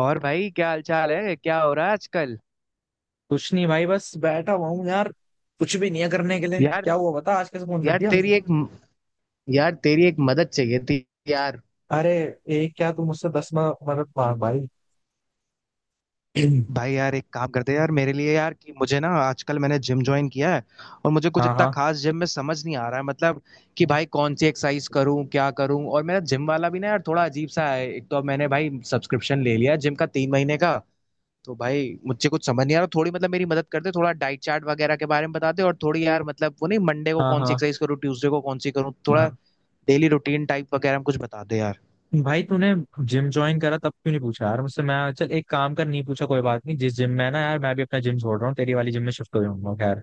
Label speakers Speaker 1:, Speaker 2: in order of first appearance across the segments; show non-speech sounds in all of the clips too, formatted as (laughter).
Speaker 1: और भाई क्या हाल चाल है क्या हो रहा है आजकल?
Speaker 2: कुछ नहीं भाई, बस बैठा हुआ हूँ यार। कुछ भी नहीं है करने के लिए।
Speaker 1: यार,
Speaker 2: क्या हुआ, बता, आज कैसे फोन कर
Speaker 1: यार
Speaker 2: दिया?
Speaker 1: तेरी एक यार तेरी एक मदद चाहिए थी यार।
Speaker 2: अरे, एक क्या, तू मुझसे 10 मदद मांग भाई।
Speaker 1: भाई
Speaker 2: (clears throat)
Speaker 1: यार एक काम करते हैं यार मेरे लिए यार, कि मुझे ना आजकल मैंने जिम ज्वाइन किया है। और मुझे कुछ
Speaker 2: हाँ
Speaker 1: इतना
Speaker 2: हाँ।
Speaker 1: खास जिम में समझ नहीं आ रहा है, मतलब कि भाई कौन सी एक्सरसाइज करूं, क्या करूं? और मेरा जिम वाला भी ना यार थोड़ा अजीब सा है। एक तो अब मैंने भाई सब्सक्रिप्शन ले लिया है जिम का तीन महीने का। तो भाई मुझे कुछ समझ नहीं आ रहा थोड़ी, मतलब मेरी मदद करते, थोड़ा डाइट चार्ट वगैरह के बारे में बताते, और थोड़ी यार मतलब वो नहीं, मंडे को कौन सी
Speaker 2: हाँ
Speaker 1: एक्सरसाइज करूँ, ट्यूसडे को कौन सी करूँ, थोड़ा
Speaker 2: हाँ।
Speaker 1: डेली रूटीन टाइप वगैरह में कुछ बता दे यार।
Speaker 2: भाई तूने जिम ज्वाइन करा तब क्यों नहीं पूछा यार मुझसे? मैं, चल एक काम कर, नहीं पूछा कोई बात नहीं, जिस जिम में है ना यार, मैं भी अपना जिम छोड़ रहा हूँ, तेरी वाली जिम में शिफ्ट हो जाऊंगा। खैर,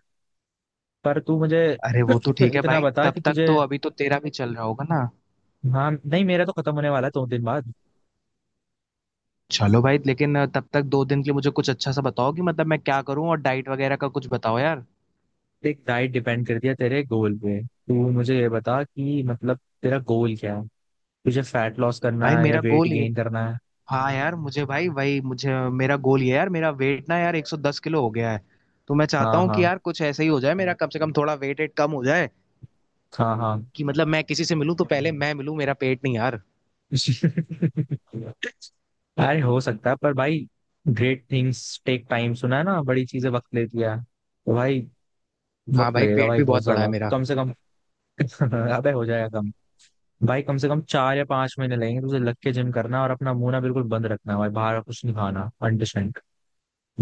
Speaker 2: पर तू मुझे
Speaker 1: अरे वो तो
Speaker 2: (clears throat)
Speaker 1: ठीक है
Speaker 2: इतना
Speaker 1: भाई,
Speaker 2: बता
Speaker 1: तब
Speaker 2: कि
Speaker 1: तक
Speaker 2: तुझे।
Speaker 1: तो अभी तो तेरा भी चल रहा होगा ना।
Speaker 2: हाँ, नहीं मेरा तो खत्म होने वाला है 2 दिन बाद।
Speaker 1: चलो भाई लेकिन तब तक दो दिन के लिए मुझे कुछ अच्छा सा बताओ कि मतलब मैं क्या करूं, और डाइट वगैरह का कुछ बताओ यार।
Speaker 2: देख, डाइट डिपेंड करती है तेरे गोल पे। तू मुझे ये बता कि मतलब तेरा गोल क्या है? तुझे फैट लॉस करना
Speaker 1: भाई
Speaker 2: है या
Speaker 1: मेरा
Speaker 2: वेट
Speaker 1: गोल ये
Speaker 2: गेन करना है?
Speaker 1: हाँ, यार मुझे भाई वही मुझे मेरा गोल ये है यार, मेरा वेट ना यार 110 किलो हो गया है। तो मैं चाहता
Speaker 2: हाँ
Speaker 1: हूँ कि
Speaker 2: हाँ।
Speaker 1: यार कुछ ऐसा ही हो जाए मेरा, कम से कम थोड़ा वेट वेट कम हो जाए।
Speaker 2: हाँ हाँ।
Speaker 1: कि मतलब मैं किसी से मिलूं तो पहले मैं मिलूं, मेरा पेट नहीं यार।
Speaker 2: (laughs) अरे हो सकता है पर भाई, ग्रेट थिंग्स टेक टाइम, सुना है ना? बड़ी चीजें वक्त लेती है, तो भाई
Speaker 1: हाँ
Speaker 2: वक्त
Speaker 1: भाई
Speaker 2: लगेगा
Speaker 1: पेट
Speaker 2: भाई,
Speaker 1: भी
Speaker 2: बहुत
Speaker 1: बहुत बड़ा है
Speaker 2: ज्यादा,
Speaker 1: मेरा।
Speaker 2: कम से कम। (laughs) अबे हो जाएगा कम। भाई कम से कम 4 या 5 महीने लगेंगे तुझे लग के जिम करना, और अपना मुंह ना बिल्कुल बंद रखना भाई, बाहर का कुछ नहीं खाना। अंडरस्टैंड?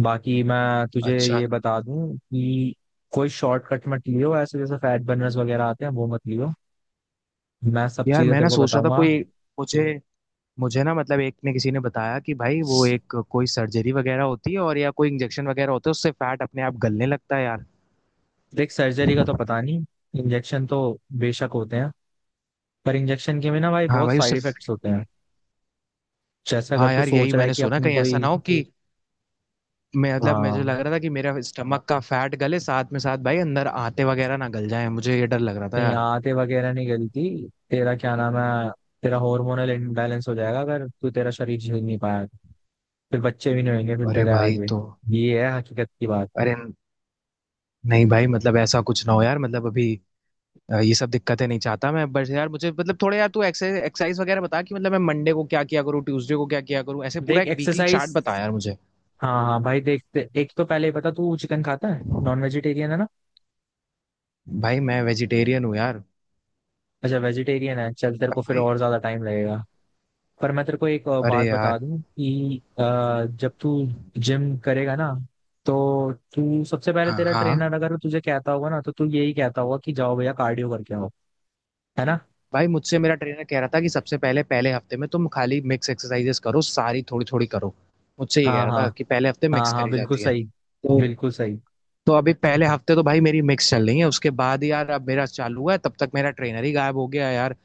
Speaker 2: बाकी मैं तुझे
Speaker 1: अच्छा
Speaker 2: ये बता दूं कि कोई शॉर्टकट मत लियो, ऐसे जैसे फैट बर्नर्स वगैरह आते हैं वो मत लियो। मैं सब
Speaker 1: यार
Speaker 2: चीजें
Speaker 1: मैं ना
Speaker 2: तेरे को
Speaker 1: सोच रहा था
Speaker 2: बताऊंगा।
Speaker 1: कोई। मुझे मुझे ना, मतलब एक ने किसी ने बताया कि भाई वो एक कोई सर्जरी वगैरह होती है, और या कोई इंजेक्शन वगैरह होता है, उससे फैट अपने आप गलने लगता है यार।
Speaker 2: देख, सर्जरी का तो पता नहीं, इंजेक्शन तो बेशक होते हैं, पर इंजेक्शन के भी ना भाई
Speaker 1: हाँ
Speaker 2: बहुत
Speaker 1: भाई उससे।
Speaker 2: साइड इफेक्ट्स होते हैं। जैसे अगर
Speaker 1: हाँ
Speaker 2: तू
Speaker 1: यार यही
Speaker 2: सोच रहा है
Speaker 1: मैंने
Speaker 2: कि
Speaker 1: सुना,
Speaker 2: अपनी
Speaker 1: कहीं ऐसा
Speaker 2: कोई।
Speaker 1: ना हो कि मैं मतलब मुझे
Speaker 2: हाँ,
Speaker 1: लग रहा था कि मेरा स्टमक का फैट गले, साथ में साथ भाई अंदर आते वगैरह ना गल जाए, मुझे ये डर लग रहा था
Speaker 2: नहीं
Speaker 1: यार।
Speaker 2: आते वगैरह नहीं गलती। तेरा क्या नाम है। तेरा हार्मोनल इम्बैलेंस हो जाएगा अगर तू, तेरा शरीर झेल नहीं पाया तो। फिर बच्चे भी नहीं होंगे फिर
Speaker 1: अरे
Speaker 2: तेरे
Speaker 1: भाई
Speaker 2: आगे।
Speaker 1: तो
Speaker 2: ये है हकीकत की बात।
Speaker 1: अरे, नहीं भाई मतलब ऐसा कुछ ना हो यार, मतलब अभी ये सब दिक्कतें नहीं चाहता मैं। बस यार मुझे मतलब थोड़े, यार तू एक्सरसाइज एक्सरसाइज वगैरह बता कि मतलब मैं मंडे को क्या किया करूँ, ट्यूसडे को क्या किया करूँ, ऐसे पूरा
Speaker 2: देख
Speaker 1: एक वीकली चार्ट
Speaker 2: एक्सरसाइज।
Speaker 1: बता यार मुझे।
Speaker 2: हाँ हाँ भाई देखते, एक तो पहले ही बता, तू चिकन खाता है, नॉन वेजिटेरियन है ना?
Speaker 1: भाई मैं वेजिटेरियन हूँ यार।
Speaker 2: अच्छा, वेजिटेरियन है, चल तेरे
Speaker 1: पर
Speaker 2: को फिर
Speaker 1: भाई
Speaker 2: और ज्यादा टाइम लगेगा। पर मैं तेरे को एक
Speaker 1: अरे
Speaker 2: बात बता
Speaker 1: यार
Speaker 2: दूं कि जब तू जिम करेगा ना, तो तू सबसे पहले,
Speaker 1: हाँ
Speaker 2: तेरा
Speaker 1: हाँ
Speaker 2: ट्रेनर अगर तुझे कहता होगा ना, तो तू यही कहता होगा कि जाओ भैया कार्डियो करके आओ। है ना?
Speaker 1: भाई, मुझसे मेरा ट्रेनर कह रहा था कि सबसे पहले पहले हफ्ते में तुम खाली मिक्स एक्सरसाइजेस करो, सारी थोड़ी थोड़ी करो। मुझसे ये कह
Speaker 2: हाँ
Speaker 1: रहा
Speaker 2: हाँ।
Speaker 1: था कि पहले हफ्ते
Speaker 2: हाँ
Speaker 1: मिक्स
Speaker 2: हाँ
Speaker 1: करी
Speaker 2: बिल्कुल
Speaker 1: जाती है।
Speaker 2: सही।
Speaker 1: तो
Speaker 2: बिल्कुल सही।
Speaker 1: तो अभी पहले हफ्ते तो भाई मेरी मिक्स चल रही है, उसके बाद यार अब मेरा चालू हुआ है तब तक मेरा ट्रेनर ही गायब हो गया यार।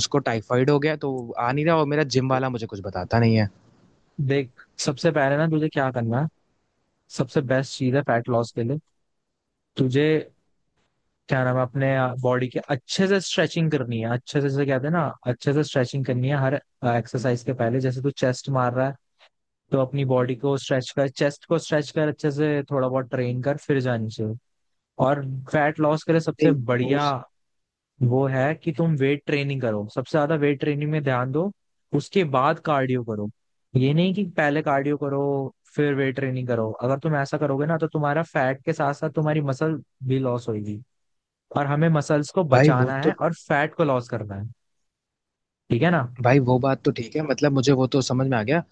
Speaker 1: उसको टाइफाइड हो गया तो आ नहीं रहा, और मेरा जिम वाला मुझे कुछ बताता नहीं है।
Speaker 2: देख सबसे पहले ना तुझे क्या करना है, सबसे बेस्ट चीज है फैट लॉस के लिए, तुझे क्या नाम है अपने बॉडी के, अच्छे से स्ट्रेचिंग करनी है। अच्छे से, जैसे कहते हैं ना, अच्छे से स्ट्रेचिंग करनी है हर एक्सरसाइज के पहले। जैसे तू चेस्ट मार रहा है, तो अपनी बॉडी को स्ट्रेच कर, चेस्ट को स्ट्रेच कर, अच्छे से थोड़ा बहुत ट्रेन कर, फिर जानी चाहिए। और फैट लॉस के लिए सबसे
Speaker 1: नहीं, वो
Speaker 2: बढ़िया वो है कि तुम वेट ट्रेनिंग करो, सबसे ज्यादा वेट ट्रेनिंग में ध्यान दो, उसके बाद कार्डियो करो। ये नहीं कि पहले कार्डियो करो फिर वेट ट्रेनिंग करो, अगर तुम ऐसा करोगे ना तो तुम्हारा फैट के साथ साथ तुम्हारी मसल भी लॉस होगी। और हमें मसल्स को
Speaker 1: भाई वो
Speaker 2: बचाना
Speaker 1: तो
Speaker 2: है और फैट को लॉस करना है। ठीक है ना?
Speaker 1: भाई वो बात तो ठीक है, मतलब मुझे वो तो समझ में आ गया।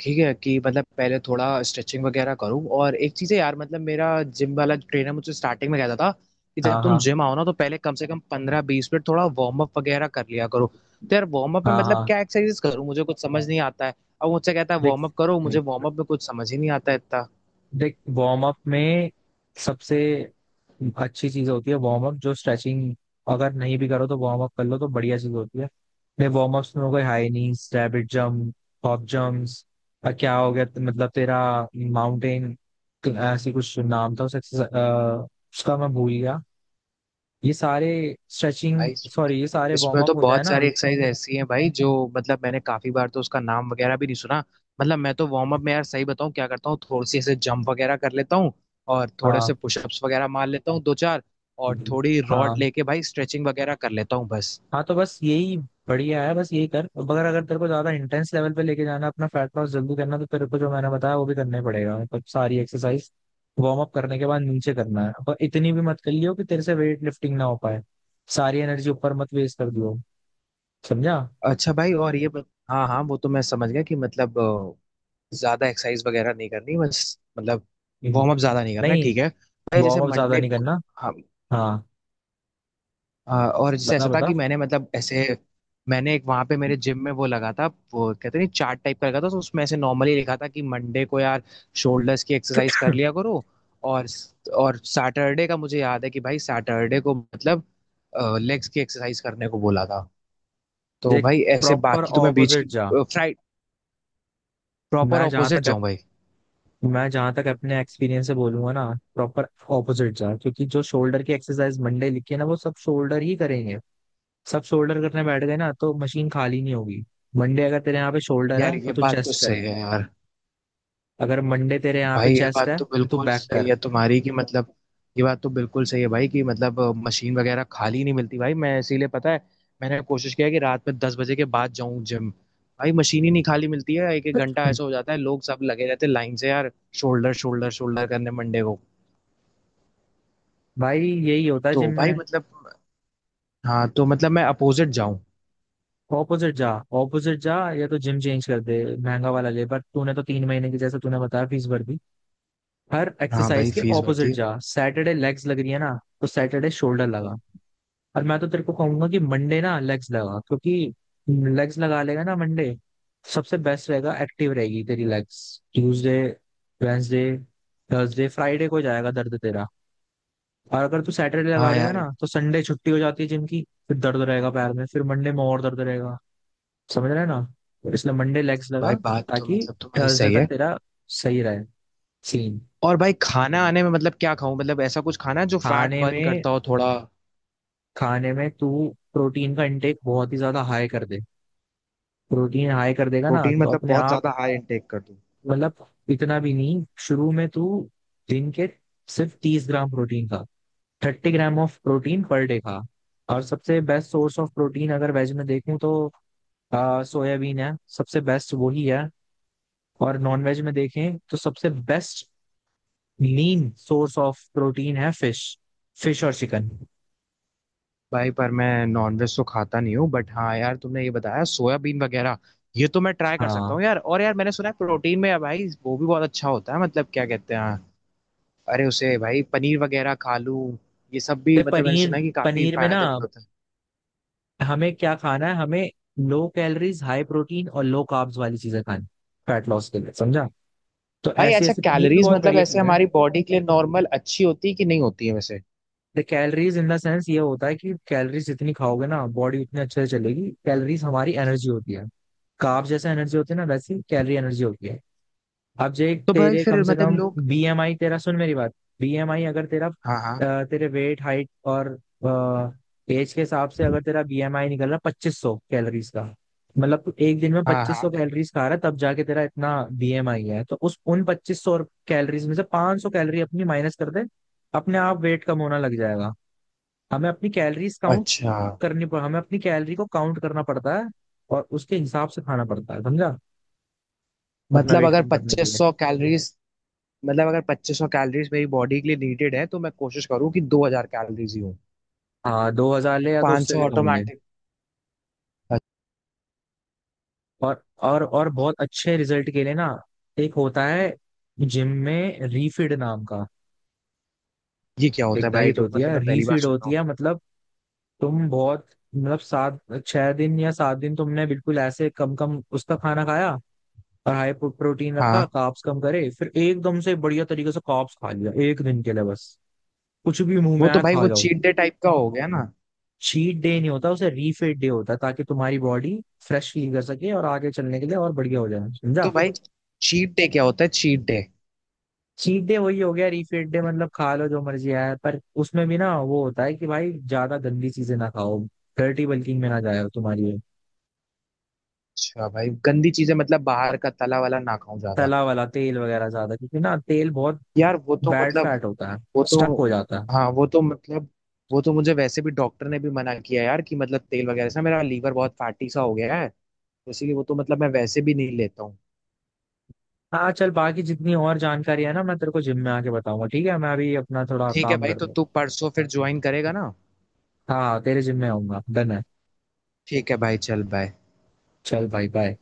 Speaker 1: ठीक है कि मतलब पहले थोड़ा स्ट्रेचिंग वगैरह करूँ, और एक चीज़ है यार मतलब मेरा जिम वाला ट्रेनर मुझे स्टार्टिंग में कहता था कि जब
Speaker 2: हाँ
Speaker 1: तुम
Speaker 2: हाँ।
Speaker 1: जिम आओ ना तो पहले कम से कम पंद्रह बीस मिनट थोड़ा वार्म अप वगैरह कर लिया करो। तो यार वार्म अप में
Speaker 2: हाँ
Speaker 1: मतलब
Speaker 2: हाँ।
Speaker 1: क्या एक्सरसाइज करूँ, मुझे कुछ समझ नहीं आता है। अब मुझसे कहता है
Speaker 2: देख
Speaker 1: वार्म अप करो, मुझे वार्म अप में कुछ समझ ही नहीं आता है इतना।
Speaker 2: देख वार्म अप में सबसे अच्छी चीज होती है। वार्म अप जो स्ट्रेचिंग अगर नहीं भी करो तो वार्म अप कर लो, तो बढ़िया चीज होती है। मेरे वार्म अप्स में हो गए high knees, rabbit jump, hop jumps, और क्या हो गया मतलब तेरा माउंटेन, ऐसी कुछ नाम था उस उसका मैं भूल गया। ये सारे स्ट्रेचिंग,
Speaker 1: भाई
Speaker 2: सॉरी, ये सारे
Speaker 1: इसमें
Speaker 2: वार्म अप
Speaker 1: तो
Speaker 2: हो जाए
Speaker 1: बहुत
Speaker 2: ना।
Speaker 1: सारी एक्सरसाइज ऐसी हैं भाई जो, मतलब मैंने काफी बार तो उसका नाम वगैरह भी नहीं सुना। मतलब मैं तो वार्म अप में यार सही बताऊं क्या करता हूँ, थोड़ी सी ऐसे जंप वगैरह कर लेता हूँ, और थोड़े से
Speaker 2: हाँ
Speaker 1: पुशअप्स वगैरह मार लेता हूँ दो चार, और थोड़ी रॉड
Speaker 2: हाँ।
Speaker 1: लेके भाई स्ट्रेचिंग वगैरह कर लेता हूँ बस।
Speaker 2: हाँ तो बस यही बढ़िया है, बस यही कर। मगर अगर तेरे को ज्यादा इंटेंस लेवल पे लेके जाना, अपना फैट लॉस जल्दी करना, तो तेरे को जो मैंने बताया वो भी करना ही पड़ेगा, मतलब सारी एक्सरसाइज वार्म अप करने के बाद नीचे करना है। पर इतनी भी मत कर लियो कि तेरे से वेट लिफ्टिंग ना हो पाए, सारी एनर्जी ऊपर मत वेस्ट कर दियो। समझा?
Speaker 1: अच्छा भाई और ये हाँ हाँ, वो तो मैं समझ गया कि मतलब ज्यादा एक्सरसाइज वगैरह नहीं करनी बस, मतलब वार्म अप
Speaker 2: हम्म।
Speaker 1: ज्यादा नहीं करना।
Speaker 2: नहीं,
Speaker 1: ठीक है भाई, जैसे
Speaker 2: वार्म अप ज्यादा
Speaker 1: मंडे।
Speaker 2: नहीं करना। हाँ,
Speaker 1: और जैसे
Speaker 2: बता
Speaker 1: ऐसा था
Speaker 2: बता।
Speaker 1: कि मैंने मतलब ऐसे मैंने एक वहां पे मेरे जिम में वो लगा था, वो कहते नहीं चार्ट टाइप का लगा था, तो उसमें ऐसे नॉर्मली लिखा था कि मंडे को यार शोल्डर्स की एक्सरसाइज कर लिया करो। और और सैटरडे का मुझे याद है कि भाई सैटरडे को मतलब लेग्स की एक्सरसाइज करने को बोला था। तो
Speaker 2: देख
Speaker 1: भाई ऐसे
Speaker 2: प्रॉपर
Speaker 1: बाकी तो मैं बीच
Speaker 2: ऑपोजिट
Speaker 1: की
Speaker 2: जा।
Speaker 1: फ्राइड, प्रॉपर
Speaker 2: मैं जहां
Speaker 1: ऑपोजिट
Speaker 2: तक
Speaker 1: जाऊं भाई?
Speaker 2: मैं जहां तक अपने एक्सपीरियंस से बोलूंगा ना, प्रॉपर ऑपोजिट जा, क्योंकि जो शोल्डर की एक्सरसाइज मंडे लिखी है ना वो सब शोल्डर ही करेंगे। सब शोल्डर करने बैठ गए ना तो मशीन खाली नहीं होगी। मंडे अगर तेरे यहाँ पे शोल्डर
Speaker 1: यार
Speaker 2: है
Speaker 1: ये
Speaker 2: तो तू
Speaker 1: बात तो
Speaker 2: चेस्ट कर।
Speaker 1: सही है यार।
Speaker 2: अगर मंडे तेरे यहाँ पे
Speaker 1: भाई ये
Speaker 2: चेस्ट
Speaker 1: बात
Speaker 2: है
Speaker 1: तो
Speaker 2: तो तू
Speaker 1: बिल्कुल
Speaker 2: बैक
Speaker 1: सही
Speaker 2: कर।
Speaker 1: है तुम्हारी कि मतलब, ये बात तो बिल्कुल सही है भाई कि मतलब मशीन वगैरह खाली नहीं मिलती भाई, मैं इसीलिए पता है मैंने कोशिश किया है कि रात में दस बजे के बाद जाऊं जिम। भाई मशीन ही नहीं खाली मिलती है, एक एक घंटा ऐसा हो
Speaker 2: (clears throat)
Speaker 1: जाता है, लोग सब लगे रहते हैं लाइन से यार। शोल्डर शोल्डर शोल्डर करने मंडे को।
Speaker 2: भाई यही होता है जिम
Speaker 1: तो भाई
Speaker 2: में।
Speaker 1: मतलब हाँ, तो मतलब मैं अपोजिट जाऊं।
Speaker 2: ऑपोजिट जा। ऑपोजिट जा, या तो जिम चेंज कर दे, महंगा वाला ले, पर तूने तो 3 महीने की, जैसे तूने बताया, फीस भर दी। हर
Speaker 1: हाँ भाई
Speaker 2: एक्सरसाइज के
Speaker 1: फीस भरती
Speaker 2: ऑपोजिट
Speaker 1: है।
Speaker 2: जा। सैटरडे लेग्स लग रही है ना, तो सैटरडे शोल्डर लगा। और मैं तो तेरे को कहूंगा कि मंडे ना लेग्स लगा, क्योंकि लेग्स लगा लेगा ना मंडे, सबसे बेस्ट रहेगा, एक्टिव रहेगी तेरी legs. Tuesday, Wednesday, Thursday, Friday को जाएगा दर्द तेरा। और अगर तू सैटरडे लगा
Speaker 1: हाँ
Speaker 2: देगा
Speaker 1: यार।
Speaker 2: ना तो संडे छुट्टी हो जाती है जिम की, फिर दर्द रहेगा पैर में, फिर मंडे में और दर्द रहेगा। समझ रहे हैं ना? तो इसलिए मंडे लेग्स
Speaker 1: भाई
Speaker 2: लगा,
Speaker 1: बात तो
Speaker 2: ताकि
Speaker 1: मतलब तुम्हारी
Speaker 2: थर्सडे
Speaker 1: सही है।
Speaker 2: तक तेरा सही रहे सीन।
Speaker 1: और भाई खाना आने में मतलब क्या खाऊं, मतलब ऐसा कुछ खाना है जो फैट
Speaker 2: खाने
Speaker 1: बर्न
Speaker 2: में,
Speaker 1: करता हो थोड़ा?
Speaker 2: खाने में तू प्रोटीन का इंटेक बहुत ही ज्यादा हाई कर दे। प्रोटीन हाई कर देगा ना
Speaker 1: प्रोटीन
Speaker 2: तो
Speaker 1: मतलब
Speaker 2: अपने
Speaker 1: बहुत
Speaker 2: आप।
Speaker 1: ज्यादा हाई इनटेक कर दूं?
Speaker 2: मतलब इतना भी नहीं, शुरू में तू दिन के सिर्फ 30 ग्राम प्रोटीन खा, 30 ग्राम ऑफ प्रोटीन पर डे खा। और सबसे बेस्ट सोर्स ऑफ प्रोटीन, अगर वेज में देखूं तो सोयाबीन है, सबसे बेस्ट वही है। और नॉन वेज में देखें तो सबसे best lean source of protein है फिश, फिश और चिकन।
Speaker 1: भाई पर मैं नॉनवेज तो खाता नहीं हूँ, बट हाँ यार तुमने ये बताया सोयाबीन वगैरह, ये तो मैं ट्राई कर सकता
Speaker 2: हाँ,
Speaker 1: हूँ यार। और यार मैंने सुना है प्रोटीन में भाई वो भी बहुत अच्छा होता है, मतलब क्या कहते हैं, अरे उसे भाई पनीर वगैरह खा लूं, ये सब भी
Speaker 2: तो
Speaker 1: मतलब मैंने
Speaker 2: पनीर,
Speaker 1: सुना है कि काफी
Speaker 2: पनीर में ना,
Speaker 1: फायदेमंद होता है।
Speaker 2: हमें क्या खाना है, हमें लो कैलोरीज, हाई प्रोटीन और लो कार्ब्स वाली चीजें खानी फैट लॉस के लिए, समझा? तो
Speaker 1: भाई
Speaker 2: ऐसे
Speaker 1: अच्छा
Speaker 2: ऐसे पनीर भी
Speaker 1: कैलोरीज
Speaker 2: बहुत
Speaker 1: मतलब
Speaker 2: बढ़िया
Speaker 1: ऐसे
Speaker 2: चीज है।
Speaker 1: हमारी बॉडी के लिए नॉर्मल अच्छी होती है कि नहीं होती है वैसे?
Speaker 2: The calories in the sense ये होता है कि कैलोरीज जितनी खाओगे ना बॉडी उतनी अच्छे से चलेगी। कैलोरीज हमारी एनर्जी होती है। कार्ब जैसा एनर्जी होती है ना, वैसी कैलोरी एनर्जी होती है। अब जे
Speaker 1: तो भाई
Speaker 2: तेरे
Speaker 1: फिर
Speaker 2: कम से
Speaker 1: मतलब
Speaker 2: कम
Speaker 1: लोग।
Speaker 2: बीएमआई, तेरा सुन मेरी बात, बीएमआई अगर तेरा
Speaker 1: हाँ हाँ,
Speaker 2: तेरे वेट, हाइट और एज के हिसाब से अगर तेरा बीएमआई निकल रहा 2,500 कैलोरीज का, मतलब तू एक दिन में
Speaker 1: हाँ
Speaker 2: पच्चीस सौ
Speaker 1: हाँ,
Speaker 2: कैलोरीज खा रहा है तब जाके तेरा इतना बीएमआई है, तो उस उन 2,500 कैलोरीज में से 500 कैलोरी अपनी माइनस कर दे, अपने आप वेट कम होना लग जाएगा। हमें अपनी कैलोरीज काउंट
Speaker 1: अच्छा,
Speaker 2: करनी पड़, हमें अपनी कैलोरी को काउंट करना पड़ता है और उसके हिसाब से खाना पड़ता है, समझा? अपना
Speaker 1: मतलब
Speaker 2: वेट
Speaker 1: अगर
Speaker 2: कम करने के
Speaker 1: पच्चीस
Speaker 2: लिए।
Speaker 1: सौ कैलोरीज, मतलब अगर 2500 कैलोरीज मेरी बॉडी के लिए नीडेड है तो मैं कोशिश करूँ कि 2000 कैलोरीज ही हो,
Speaker 2: हाँ, 2,000 ले या तो उससे
Speaker 1: 500
Speaker 2: भी कम ले।
Speaker 1: ऑटोमेटिक।
Speaker 2: और बहुत अच्छे रिजल्ट के लिए ना, एक होता है जिम में रीफीड नाम का,
Speaker 1: ये क्या होता
Speaker 2: एक
Speaker 1: है भाई, ये
Speaker 2: डाइट
Speaker 1: तो
Speaker 2: होती
Speaker 1: मतलब
Speaker 2: है
Speaker 1: मैं पहली बार
Speaker 2: रीफीड
Speaker 1: सुन रहा
Speaker 2: होती
Speaker 1: हूँ।
Speaker 2: है, मतलब तुम बहुत, मतलब सात, 6 दिन या 7 दिन तुमने बिल्कुल ऐसे कम कम उसका खाना खाया और हाई प्रोटीन रखा,
Speaker 1: हाँ
Speaker 2: कार्ब्स कम करे, फिर एकदम से बढ़िया तरीके से कार्ब्स खा लिया एक दिन के लिए बस, कुछ भी मुंह
Speaker 1: वो
Speaker 2: में
Speaker 1: तो
Speaker 2: आया
Speaker 1: भाई
Speaker 2: खा
Speaker 1: वो
Speaker 2: जाओ।
Speaker 1: चीट डे टाइप का हो गया ना।
Speaker 2: चीट डे नहीं होता उसे, रीफीड डे होता है, ताकि तुम्हारी बॉडी फ्रेश फील कर सके और आगे चलने के लिए और बढ़िया हो जाए, समझा?
Speaker 1: तो भाई चीट डे क्या होता है चीट डे?
Speaker 2: चीट डे वही हो गया रीफीड डे, मतलब खा लो जो मर्जी आया, पर उसमें भी ना वो होता है कि भाई ज्यादा गंदी चीजें ना खाओ, डर्टी बल्किंग में ना जाए तुम्हारी।
Speaker 1: अच्छा भाई गंदी चीजें मतलब बाहर का तला वाला ना खाऊं ज्यादा?
Speaker 2: तला वाला, तेल वगैरह ज्यादा, क्योंकि ना तेल बहुत
Speaker 1: यार, वो तो
Speaker 2: बैड
Speaker 1: मतलब
Speaker 2: फैट होता है,
Speaker 1: वो तो
Speaker 2: स्टक हो जाता है।
Speaker 1: हाँ, वो तो मुझे वैसे भी डॉक्टर ने भी मना किया यार कि मतलब तेल वगैरह से मेरा लीवर बहुत फैटी सा हो गया है, तो इसीलिए वो तो मतलब मैं वैसे भी नहीं लेता हूँ।
Speaker 2: हाँ चल, बाकी जितनी और जानकारी है ना मैं तेरे को जिम में आके बताऊंगा, ठीक है? मैं अभी अपना थोड़ा
Speaker 1: ठीक है
Speaker 2: काम
Speaker 1: भाई,
Speaker 2: कर
Speaker 1: तो
Speaker 2: लूँ।
Speaker 1: तू परसों फिर ज्वाइन करेगा ना?
Speaker 2: हाँ तेरे जिम में आऊंगा, डन है।
Speaker 1: ठीक है भाई चल बाय।
Speaker 2: चल भाई, बाय।